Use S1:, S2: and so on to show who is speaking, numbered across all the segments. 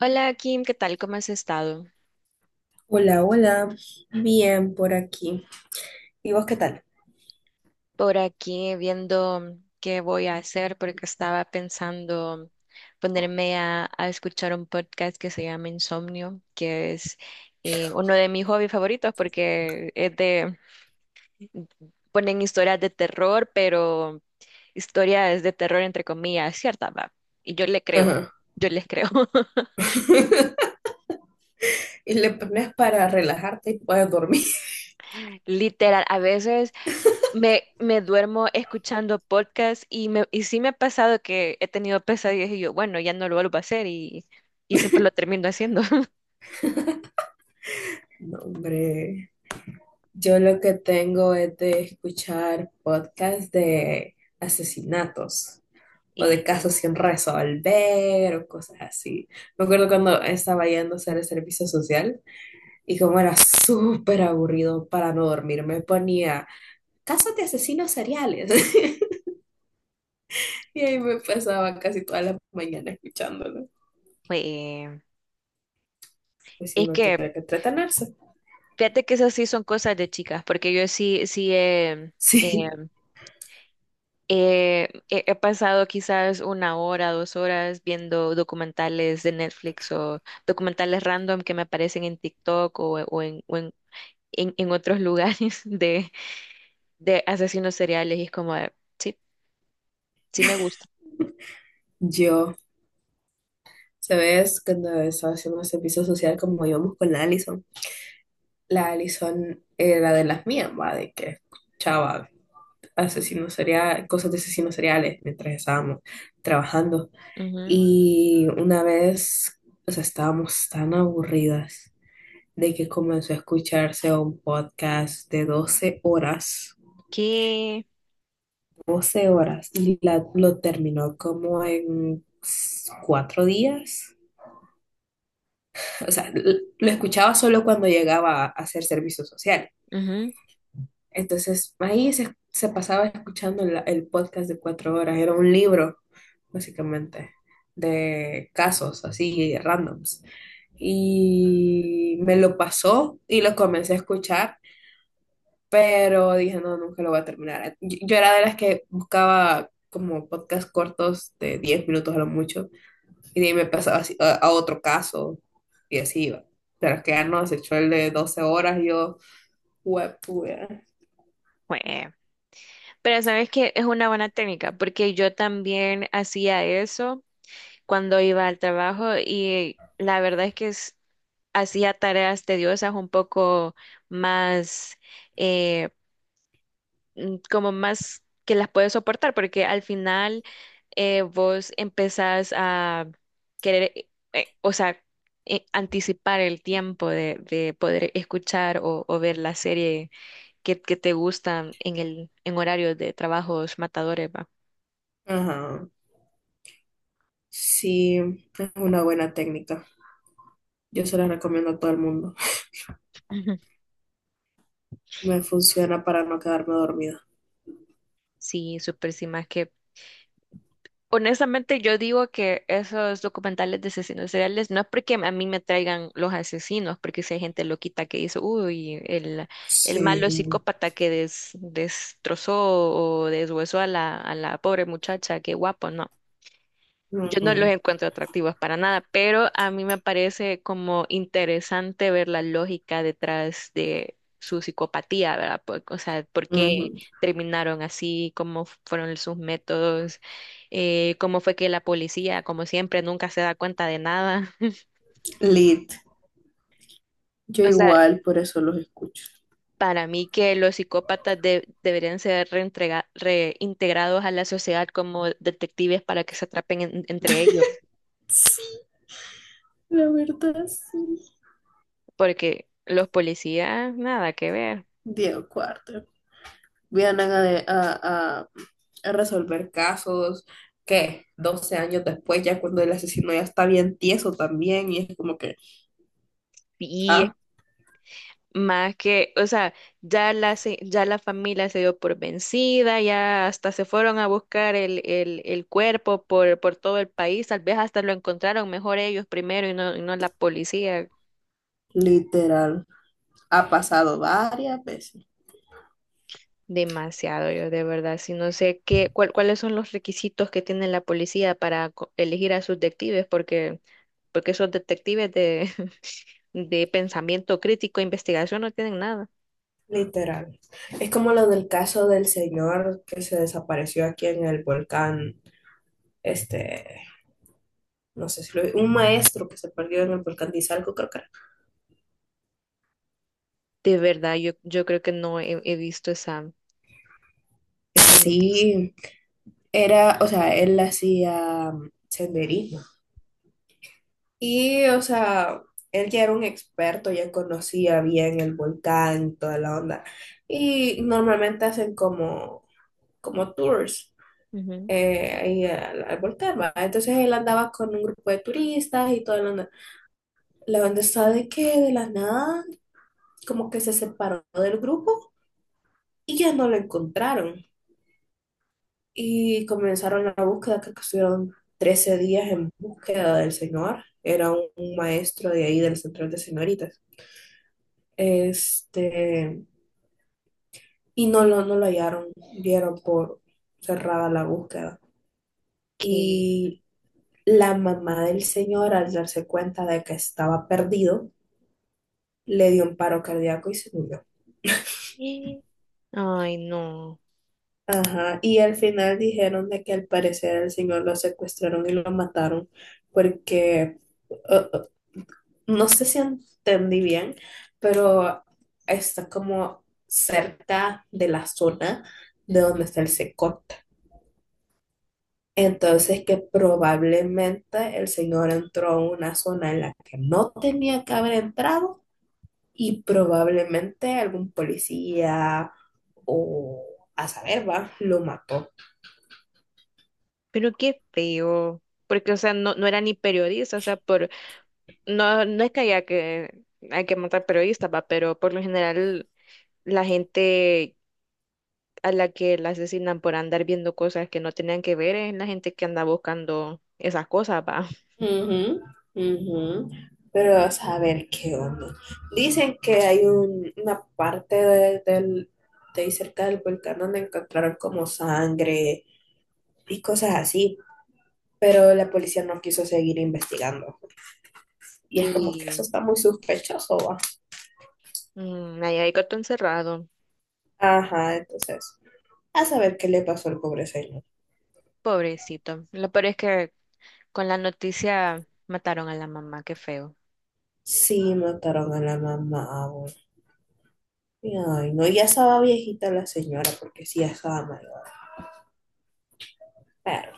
S1: Hola Kim, ¿qué tal? ¿Cómo has estado?
S2: Hola, hola. Bien por aquí. ¿Y vos qué tal?
S1: Por aquí viendo qué voy a hacer porque estaba pensando ponerme a escuchar un podcast que se llama Insomnio, que es uno de mis hobbies favoritos porque es de, ponen historias de terror, pero historias de terror entre comillas, ¿cierta, va? Y yo le creo,
S2: Ajá.
S1: yo les creo.
S2: Y le pones para relajarte y puedes dormir.
S1: Literal, a veces. Me duermo escuchando podcast y, me, y sí me ha pasado que he tenido pesadillas y yo, bueno, ya no lo vuelvo a hacer y siempre lo termino haciendo.
S2: No, hombre, yo lo que tengo es de escuchar podcasts de asesinatos o de
S1: Y, y,
S2: casos sin resolver o cosas así. Me acuerdo cuando estaba yendo a hacer el servicio social y como era súper aburrido para no dormir, me ponía casos de asesinos seriales. Y ahí me pasaba casi toda la mañana escuchándolo.
S1: eh,
S2: Pues sí,
S1: es
S2: uno
S1: que,
S2: tiene que entretenerse.
S1: fíjate que esas sí son cosas de chicas, porque yo sí, eh,
S2: Sí,
S1: he pasado quizás una hora, dos horas viendo documentales de Netflix o documentales random que me aparecen en TikTok o en otros lugares de asesinos seriales y es como. Sí me gusta.
S2: yo, ¿sabes? Cuando estaba haciendo servicio social, como íbamos con la Allison era de las mías, va, de que escuchaba asesinos seriales, cosas de asesinos seriales mientras estábamos trabajando.
S1: Ujú.
S2: Y una vez, o sea, estábamos tan aburridas de que comenzó a escucharse un podcast de doce horas
S1: Qué,
S2: 12 horas y lo terminó como en cuatro días. O sea, lo escuchaba solo cuando llegaba a hacer servicio social.
S1: ujú,
S2: Entonces, ahí se pasaba escuchando el podcast de 4 horas. Era un libro, básicamente, de casos así, randoms. Y me lo pasó y lo comencé a escuchar, pero dije, no, nunca lo voy a terminar. Yo era de las que buscaba como podcast cortos de 10 minutos a lo mucho. Y de ahí me pasaba así a otro caso y así iba. Pero que ya no, se echó el de 12 horas y yo, huepuya.
S1: jue. Pero sabes que es una buena técnica, porque yo también hacía eso cuando iba al trabajo y la verdad es que hacía tareas tediosas un poco más, eh, como más que las puedes soportar, porque al final vos empezás a querer, o sea, anticipar el tiempo de poder escuchar o ver la serie que te gustan en el, en horarios de trabajos matadores, va.
S2: Ajá. Sí, es una buena técnica. Yo se la recomiendo a todo el mundo.
S1: Ujú.
S2: Me funciona para no quedarme dormida.
S1: Sí, súper sí, más que honestamente yo digo que esos documentales de asesinos seriales no es porque a mí me traigan los asesinos, porque si hay gente loquita que dice, uy, el malo
S2: Sí.
S1: psicópata que destrozó o deshuesó a la pobre muchacha, qué guapo, no. Yo no los
S2: Ujú,
S1: encuentro atractivos para nada, pero a mí me parece como interesante ver la lógica detrás de su psicopatía, ¿verdad? O sea, por qué
S2: ujú.
S1: terminaron así, cómo fueron sus métodos, cómo fue que la policía, como siempre, nunca se da cuenta de nada.
S2: Lit. Yo
S1: O sea,
S2: igual, por eso los escucho.
S1: para mí que los psicópatas deberían ser reintegrados a la sociedad como detectives para que se atrapen entre ellos,
S2: Sí, la verdad, sí.
S1: porque los policías, nada que ver.
S2: Diego Cuarto. Vienen a, a- a- a resolver casos que 12 años después, ya cuando el asesino ya está bien tieso también, y es como que,
S1: Y
S2: ah,
S1: más que, o sea, ya la, ya la familia se dio por vencida, ya hasta se fueron a buscar el cuerpo por todo el país, tal vez hasta lo encontraron mejor ellos primero y no la policía.
S2: literal, ha pasado varias veces.
S1: Demasiado, yo de verdad, si no sé qué, cuáles son los requisitos que tiene la policía para elegir a sus detectives, porque, porque esos detectives de, de pensamiento crítico, investigación, no tienen nada.
S2: Literal. Es como lo del caso del señor que se desapareció aquí en el volcán, este, no sé si lo vi, un maestro que se perdió en el volcán de Izalco, creo que era.
S1: De verdad, yo creo que no he visto esa, esa noticia.
S2: Sí, era, o sea, él hacía senderismo. Y, o sea, él ya era un experto, ya conocía bien el volcán, toda la onda. Y normalmente hacen como, como tours, ahí al, al volcán, ¿va? Entonces él andaba con un grupo de turistas y toda la onda. La onda está de que de la nada, como que se separó del grupo y ya no lo encontraron. Y comenzaron la búsqueda, creo que estuvieron 13 días en búsqueda del señor. Era un maestro de ahí del centro de señoritas. Este, y no lo hallaron, dieron por cerrada la búsqueda.
S1: ¿Qué?
S2: Y la mamá del señor, al darse cuenta de que estaba perdido, le dio un paro cardíaco y se murió.
S1: Eh, Ay, no,
S2: Ajá, y al final dijeron de que al parecer al señor lo secuestraron y lo mataron porque eh, no sé si entendí bien, pero está como cerca de la zona de donde está el secot. Entonces que probablemente el señor entró a una zona en la que no tenía que haber entrado y probablemente algún policía o a saber, va, lo mató.
S1: pero qué feo. Porque, o sea, no, no era ni periodista, o sea, por, no, no es que haya que, hay que matar periodistas, va, pero por lo general la gente a la que la asesinan por andar viendo cosas que no tenían que ver es la gente que anda buscando esas cosas, va.
S2: Ujú, ujú. Pero a saber qué onda. Dicen que hay una parte del de ahí cerca del volcán donde encontraron como sangre y cosas así, pero la policía no quiso seguir investigando. Y es como que eso
S1: Que
S2: está muy sospechoso, ¿va?
S1: mm, ahí hay gato encerrado,
S2: Ajá, entonces, a saber qué le pasó al pobre señor.
S1: pobrecito. Lo peor es que con la noticia mataron a la mamá, qué feo.
S2: Sí, mataron a la mamá, abuelo. Y, ay, no, ya estaba viejita la señora, porque sí, ya estaba mayor. Pero,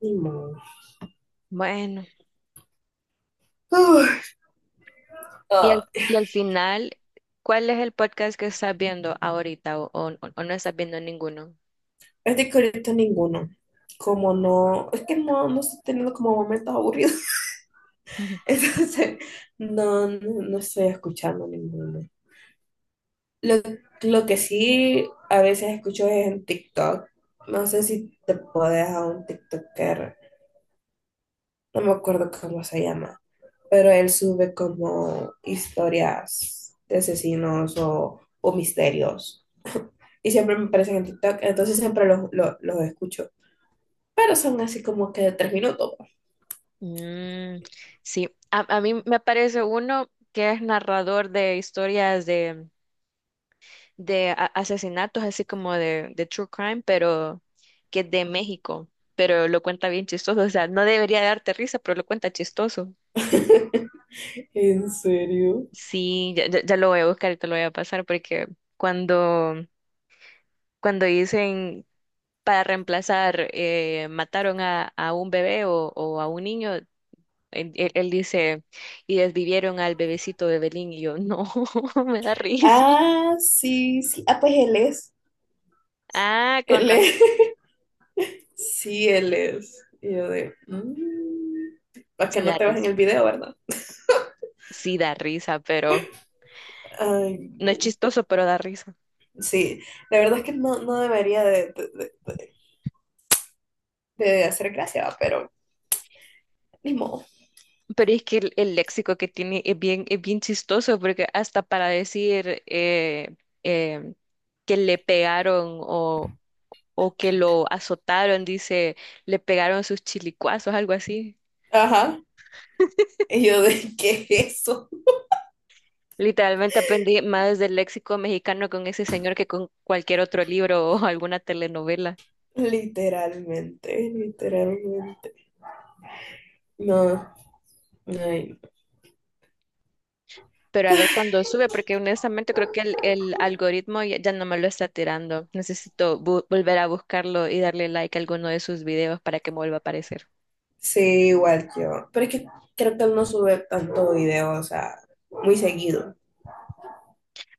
S2: ni modo.
S1: Bueno.
S2: Uf, ay,
S1: Y al final, ¿cuál es el podcast que estás viendo ahorita o o no estás viendo ninguno?
S2: es de que ahorita ninguno. Como no, es que no estoy teniendo como momentos aburridos. Entonces, no estoy escuchando ninguno. Lo, lo que sí a veces escucho es en TikTok. No sé si te puedes a un TikToker. No me acuerdo cómo se llama. Pero él sube como historias de asesinos o misterios. Y siempre me aparecen en TikTok, entonces siempre los escucho. Pero son así como que de 3 minutos.
S1: Mm, sí, a mí me parece uno que es narrador de historias de asesinatos, así como de true crime, pero que es de México, pero lo cuenta bien chistoso, o sea, no debería darte risa, pero lo cuenta chistoso.
S2: ¿En serio?
S1: Sí, ya, ya lo voy a buscar y te lo voy a pasar porque cuando, cuando dicen para reemplazar, mataron a un bebé o a un niño, él, él dice, y desvivieron al bebecito de Belín, y yo, no, me da risa.
S2: Ah, sí, sí. Ah, pues él es.
S1: Ah, con
S2: Él
S1: razón,
S2: es. Sí, él es. Y yo de. Para que
S1: sí da
S2: no te en
S1: risa,
S2: el video, ¿verdad?
S1: sí da risa, pero
S2: Ay,
S1: no es
S2: no.
S1: chistoso, pero da risa.
S2: Sí, la verdad es que no debería de hacer gracia, pero ni modo.
S1: Pero es que el léxico que tiene es bien chistoso, porque hasta para decir eh, que le pegaron o que lo azotaron, dice, le pegaron sus chilicuazos, algo así.
S2: Ajá. Y yo de qué es eso,
S1: Literalmente aprendí más del léxico mexicano con ese señor que con cualquier otro libro o alguna telenovela.
S2: literalmente, literalmente. No, ay, no.
S1: Pero a ver cuándo sube, porque honestamente creo que el algoritmo ya, ya no me lo está tirando. Necesito volver a buscarlo y darle like a alguno de sus videos para que me vuelva a aparecer.
S2: Sí, igual yo. Pero es que creo que él no sube tanto video, o sea, muy seguido.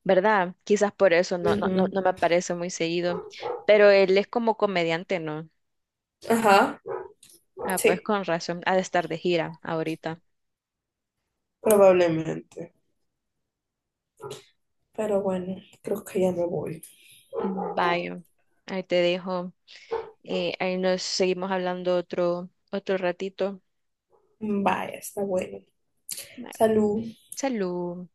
S1: ¿Verdad? Quizás por eso no, no, no,
S2: Ujú.
S1: no me aparece muy seguido. Pero él es como comediante, ¿no?
S2: Ajá,
S1: Ah, pues
S2: sí,
S1: con razón. Ha de estar de gira ahorita.
S2: probablemente. Pero bueno, creo que ya me voy.
S1: Vaya, ahí te dejo. Ahí nos seguimos hablando otro, otro ratito.
S2: Vaya, está bueno.
S1: Bueno,
S2: Salud.
S1: salud.